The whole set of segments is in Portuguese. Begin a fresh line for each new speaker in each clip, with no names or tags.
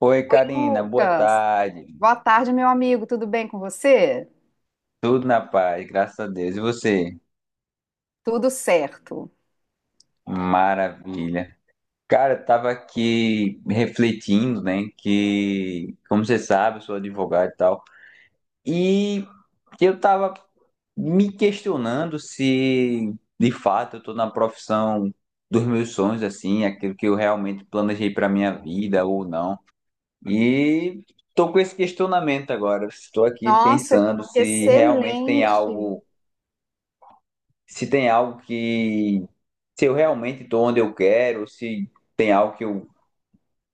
Oi, Karina, boa
Lucas,
tarde.
boa tarde, meu amigo. Tudo bem com você?
Tudo na paz, graças a Deus. E você?
Tudo certo.
Maravilha. Cara, eu tava aqui refletindo, né, que, como você sabe, eu sou advogado e tal, e eu tava me questionando se, de fato, eu tô na profissão dos meus sonhos, assim, aquilo que eu realmente planejei pra minha vida ou não. E tô com esse questionamento agora. Estou aqui
Nossa, que
pensando se realmente tem
excelente.
algo, se tem algo que, se eu realmente estou onde eu quero, se tem algo que eu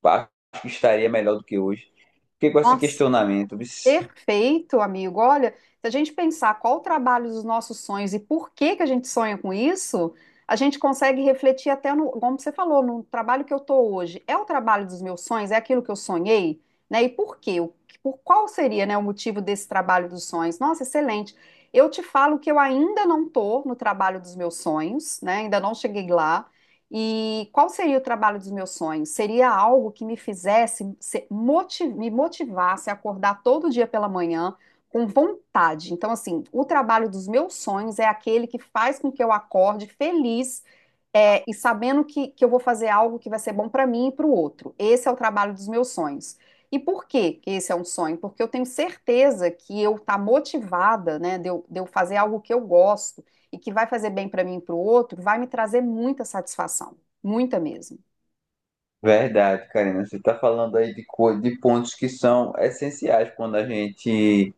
acho que estaria melhor do que hoje. Fiquei com esse
Nossa,
questionamento. Vixe.
perfeito, amigo. Olha, se a gente pensar qual o trabalho dos nossos sonhos e por que a gente sonha com isso, a gente consegue refletir até no, como você falou, no trabalho que eu estou hoje. É o trabalho dos meus sonhos? É aquilo que eu sonhei? Né? E por quê? Por qual seria, né, o motivo desse trabalho dos sonhos? Nossa, excelente. Eu te falo que eu ainda não estou no trabalho dos meus sonhos, né? Ainda não cheguei lá. E qual seria o trabalho dos meus sonhos? Seria algo que me fizesse, me motivasse a acordar todo dia pela manhã com vontade. Então, assim, o trabalho dos meus sonhos é aquele que faz com que eu acorde feliz, é, e sabendo que eu vou fazer algo que vai ser bom para mim e para o outro. Esse é o trabalho dos meus sonhos. E por que esse é um sonho? Porque eu tenho certeza que eu estar motivada, né, de eu fazer algo que eu gosto e que vai fazer bem para mim e para o outro, vai me trazer muita satisfação, muita mesmo.
Verdade, Karina, você está falando aí de, de pontos que são essenciais quando a gente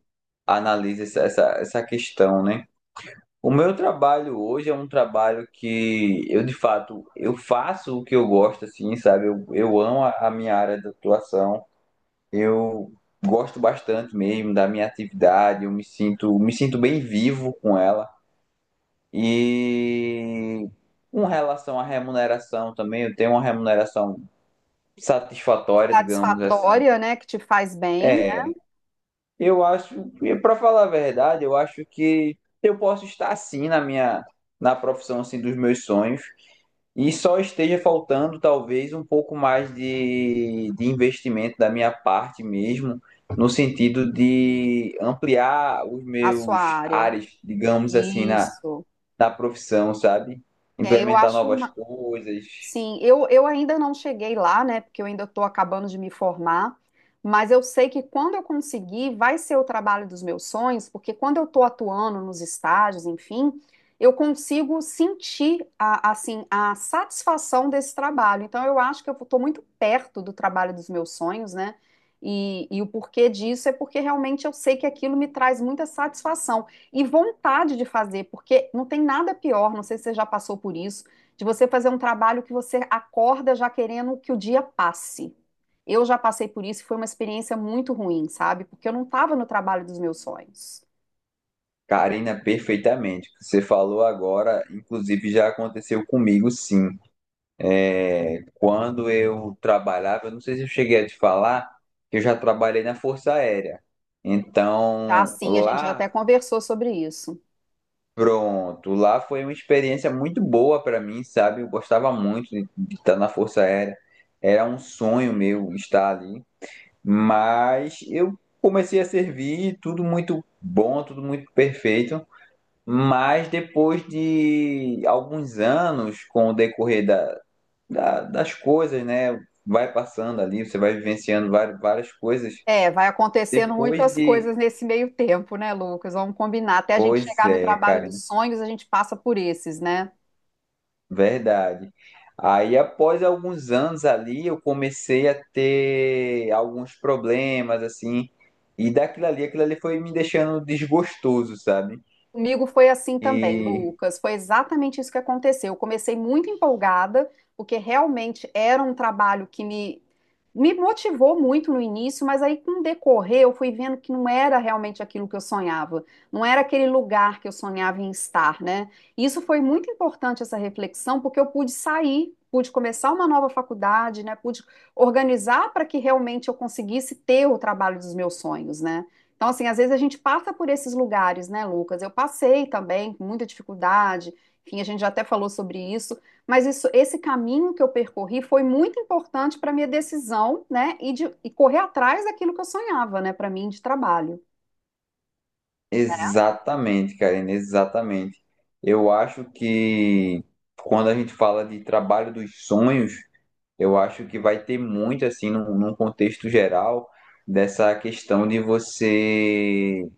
analisa essa questão, né? O meu trabalho hoje é um trabalho que eu, de fato, eu faço o que eu gosto, assim, sabe? Eu amo a minha área de atuação. Eu gosto bastante mesmo da minha atividade, me sinto bem vivo com ela. E com relação à remuneração também, eu tenho uma remuneração satisfatória, digamos assim.
Satisfatória, né, que te faz bem, né,
É. Eu acho, para falar a verdade, eu acho que eu posso estar assim na minha, na profissão assim dos meus sonhos, e só esteja faltando talvez um pouco mais de investimento da minha parte mesmo, no sentido de ampliar os
a sua
meus
área.
ares, digamos assim, na,
Isso.
na profissão, sabe?
É, eu
Implementar
acho.
novas coisas.
Sim, eu ainda não cheguei lá, né? Porque eu ainda estou acabando de me formar, mas eu sei que quando eu conseguir, vai ser o trabalho dos meus sonhos, porque quando eu estou atuando nos estágios, enfim, eu consigo sentir a, assim, a satisfação desse trabalho. Então, eu acho que eu estou muito perto do trabalho dos meus sonhos, né? E o porquê disso é porque realmente eu sei que aquilo me traz muita satisfação e vontade de fazer, porque não tem nada pior, não sei se você já passou por isso de você fazer um trabalho que você acorda já querendo que o dia passe. Eu já passei por isso e foi uma experiência muito ruim, sabe? Porque eu não estava no trabalho dos meus sonhos.
Karina, perfeitamente. O que você falou agora inclusive já aconteceu comigo, sim. É. Quando eu trabalhava, eu não sei se eu cheguei a te falar, que eu já trabalhei na Força Aérea.
Já
Então,
assim, a gente já até
lá,
conversou sobre isso.
pronto, lá foi uma experiência muito boa para mim, sabe? Eu gostava muito de estar na Força Aérea. Era um sonho meu estar ali, mas eu comecei a servir, tudo muito bom, tudo muito perfeito. Mas depois de alguns anos, com o decorrer da, das coisas, né? Vai passando ali, você vai vivenciando várias coisas.
É, vai acontecendo
Depois
muitas
de.
coisas nesse meio tempo, né, Lucas? Vamos combinar. Até a gente
Pois
chegar no
é,
trabalho
Karina,
dos sonhos, a gente passa por esses, né?
verdade. Aí, após alguns anos ali, eu comecei a ter alguns problemas, assim, e daquilo ali, aquilo ali foi me deixando desgostoso, sabe?
Comigo foi assim também,
E
Lucas. Foi exatamente isso que aconteceu. Eu comecei muito empolgada, porque realmente era um trabalho que me motivou muito no início, mas aí com o decorrer eu fui vendo que não era realmente aquilo que eu sonhava, não era aquele lugar que eu sonhava em estar, né? E isso foi muito importante essa reflexão, porque eu pude sair, pude começar uma nova faculdade, né? Pude organizar para que realmente eu conseguisse ter o trabalho dos meus sonhos, né? Então, assim, às vezes a gente passa por esses lugares, né, Lucas? Eu passei também, com muita dificuldade, enfim, a gente já até falou sobre isso, mas isso, esse caminho que eu percorri foi muito importante para minha decisão, né, e correr atrás daquilo que eu sonhava, né, para mim de trabalho, né?
exatamente, Karina, exatamente. Eu acho que quando a gente fala de trabalho dos sonhos, eu acho que vai ter muito, assim, num contexto geral, dessa questão de você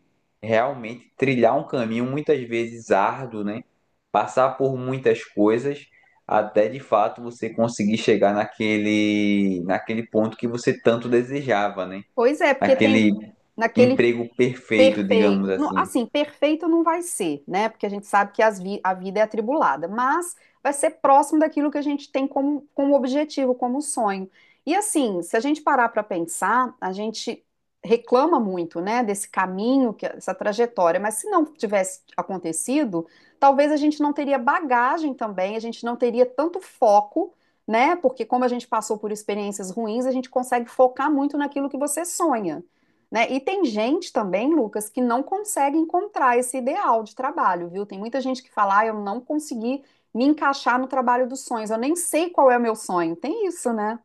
realmente trilhar um caminho muitas vezes árduo, né? Passar por muitas coisas até de fato você conseguir chegar naquele ponto que você tanto desejava, né?
Pois é, porque tem
Aquele
naquele.
emprego perfeito, digamos
Perfeito. Não,
assim.
assim, perfeito não vai ser, né? Porque a gente sabe que a vida é atribulada, mas vai ser próximo daquilo que a gente tem como, como objetivo, como sonho. E assim, se a gente parar para pensar, a gente reclama muito, né, desse caminho, que, essa trajetória, mas se não tivesse acontecido, talvez a gente não teria bagagem também, a gente não teria tanto foco, né? Porque como a gente passou por experiências ruins, a gente consegue focar muito naquilo que você sonha, né? E tem gente também, Lucas, que não consegue encontrar esse ideal de trabalho, viu? Tem muita gente que fala, ah, eu não consegui me encaixar no trabalho dos sonhos, eu nem sei qual é o meu sonho. Tem isso, né?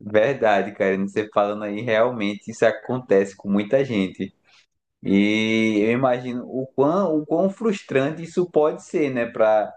Verdade, Karine, você falando aí, realmente isso acontece com muita gente. E eu imagino o quão frustrante isso pode ser, né,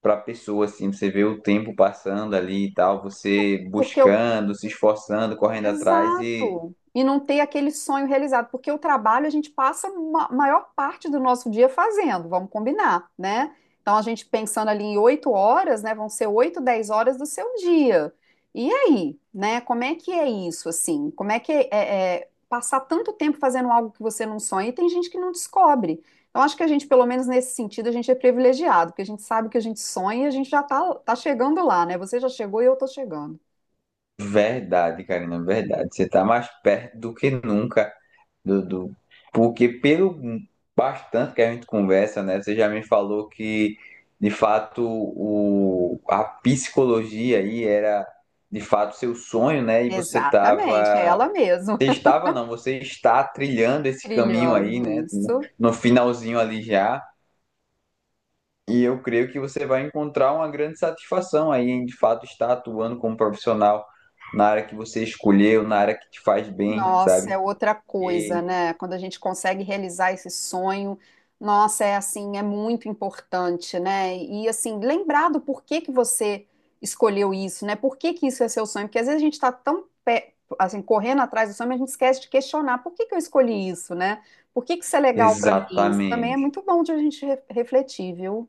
para pessoa assim, você vê o tempo passando ali e tal, você
Porque eu,
buscando, se esforçando, correndo atrás e
Exato. E não ter aquele sonho realizado, porque o trabalho a gente passa a maior parte do nosso dia fazendo, vamos combinar, né? Então a gente pensando ali em 8 horas, né? Vão ser 8, 10 horas do seu dia. E aí, né? Como é que é isso, assim? Como é que é, é passar tanto tempo fazendo algo que você não sonha? E tem gente que não descobre. Então acho que a gente, pelo menos nesse sentido, a gente é privilegiado, porque a gente sabe que a gente sonha e a gente já tá chegando lá, né? Você já chegou e eu tô chegando.
verdade, Karina, verdade, você tá mais perto do que nunca do, porque pelo bastante que a gente conversa, né, você já me falou que de fato o a psicologia aí era de fato seu sonho, né, e você
Exatamente, é
tava.
ela mesma
Você estava, não, você está trilhando esse caminho aí,
brilhando
né?
isso.
No finalzinho ali já. E eu creio que você vai encontrar uma grande satisfação aí em de fato estar atuando como profissional na área que você escolheu, na área que te faz bem,
Nossa,
sabe?
é outra coisa,
E
né? Quando a gente consegue realizar esse sonho, nossa, é assim, é muito importante, né? E assim, lembrar do porquê que você escolheu isso, né? Por que isso é seu sonho? Porque às vezes a gente está assim, correndo atrás do sonho, mas a gente esquece de questionar por que eu escolhi isso, né? Por que isso é legal para mim? Isso também é
exatamente.
muito bom de a gente refletir, viu?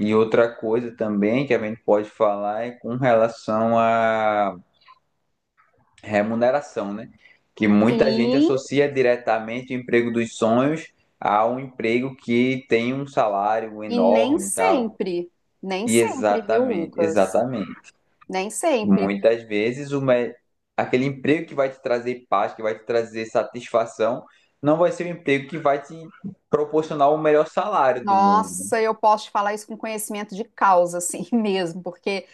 E outra coisa também que a gente pode falar é com relação a remuneração, né? Que muita gente
Sim,
associa diretamente o emprego dos sonhos a um emprego que tem um salário
e nem
enorme e tal.
sempre, nem
E
sempre, viu,
exatamente,
Lucas?
exatamente.
Nem sempre.
Muitas vezes aquele emprego que vai te trazer paz, que vai te trazer satisfação, não vai ser o emprego que vai te proporcionar o melhor salário do mundo, né?
Nossa, eu posso te falar isso com conhecimento de causa, assim, mesmo, porque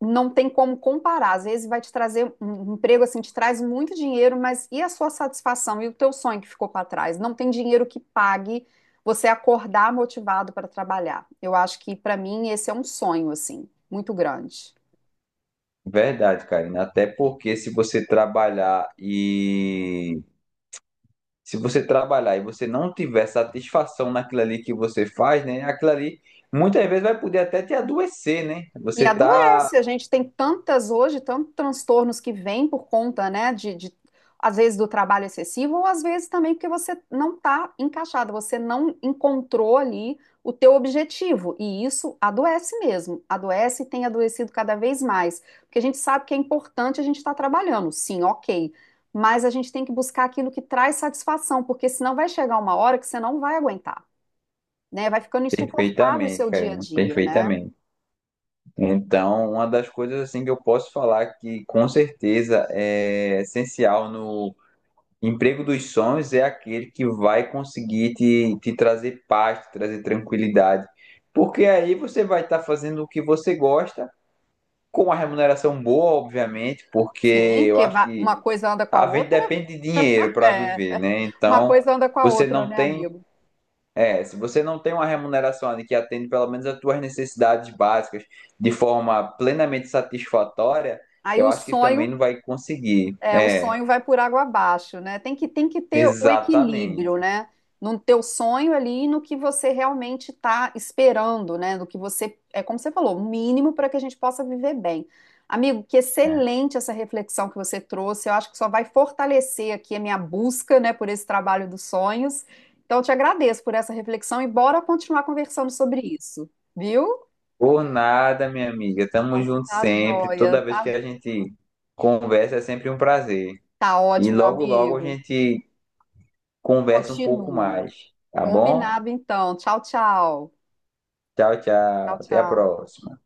não tem como comparar. Às vezes vai te trazer um emprego assim, te traz muito dinheiro, mas e a sua satisfação e o teu sonho que ficou para trás? Não tem dinheiro que pague você acordar motivado para trabalhar. Eu acho que para mim esse é um sonho assim, muito grande.
Verdade, Karina. Até porque se você trabalhar e Se você trabalhar e você não tiver satisfação naquilo ali que você faz, né? Aquilo ali muitas vezes vai poder até te adoecer, né?
E
Você tá
adoece, a gente tem tantas hoje, tantos transtornos que vêm por conta, né, às vezes do trabalho excessivo, ou às vezes também porque você não está encaixado, você não encontrou ali o teu objetivo, e isso adoece mesmo, adoece e tem adoecido cada vez mais, porque a gente sabe que é importante a gente estar trabalhando, sim, ok, mas a gente tem que buscar aquilo que traz satisfação, porque senão vai chegar uma hora que você não vai aguentar, né, vai ficando insuportável o
perfeitamente,
seu
cara,
dia a dia, né?
perfeitamente. Então, uma das coisas assim que eu posso falar que com certeza é essencial no emprego dos sonhos é aquele que vai conseguir te trazer paz, te trazer tranquilidade. Porque aí você vai estar fazendo o que você gosta, com uma remuneração boa, obviamente, porque
Sim,
eu
porque
acho que
uma coisa anda com a
a gente
outra.
depende de
É,
dinheiro para viver, né?
uma
Então,
coisa anda com a
você
outra,
não
né,
tem,
amigo?
é, se você não tem uma remuneração ali que atende pelo menos as tuas necessidades básicas de forma plenamente satisfatória,
Aí
eu
o
acho que também
sonho.
não vai conseguir.
É, o
É,
sonho vai por água abaixo, né? Tem que ter o equilíbrio,
exatamente.
né? No teu sonho ali, e no que você realmente está esperando, né? Do que você, é como você falou, o mínimo para que a gente possa viver bem. Amigo, que excelente essa reflexão que você trouxe. Eu acho que só vai fortalecer aqui a minha busca, né, por esse trabalho dos sonhos. Então, eu te agradeço por essa reflexão e bora continuar conversando sobre isso, viu?
Por nada, minha amiga. Tamo junto
Tá
sempre.
joia,
Toda vez
tá,
que a gente conversa é sempre um prazer.
tá
E
ótimo, meu
logo, logo a
amigo.
gente conversa um pouco
Continua.
mais, tá bom?
Combinado, então. Tchau, tchau.
Tchau, tchau.
Tchau,
Até a
tchau.
próxima.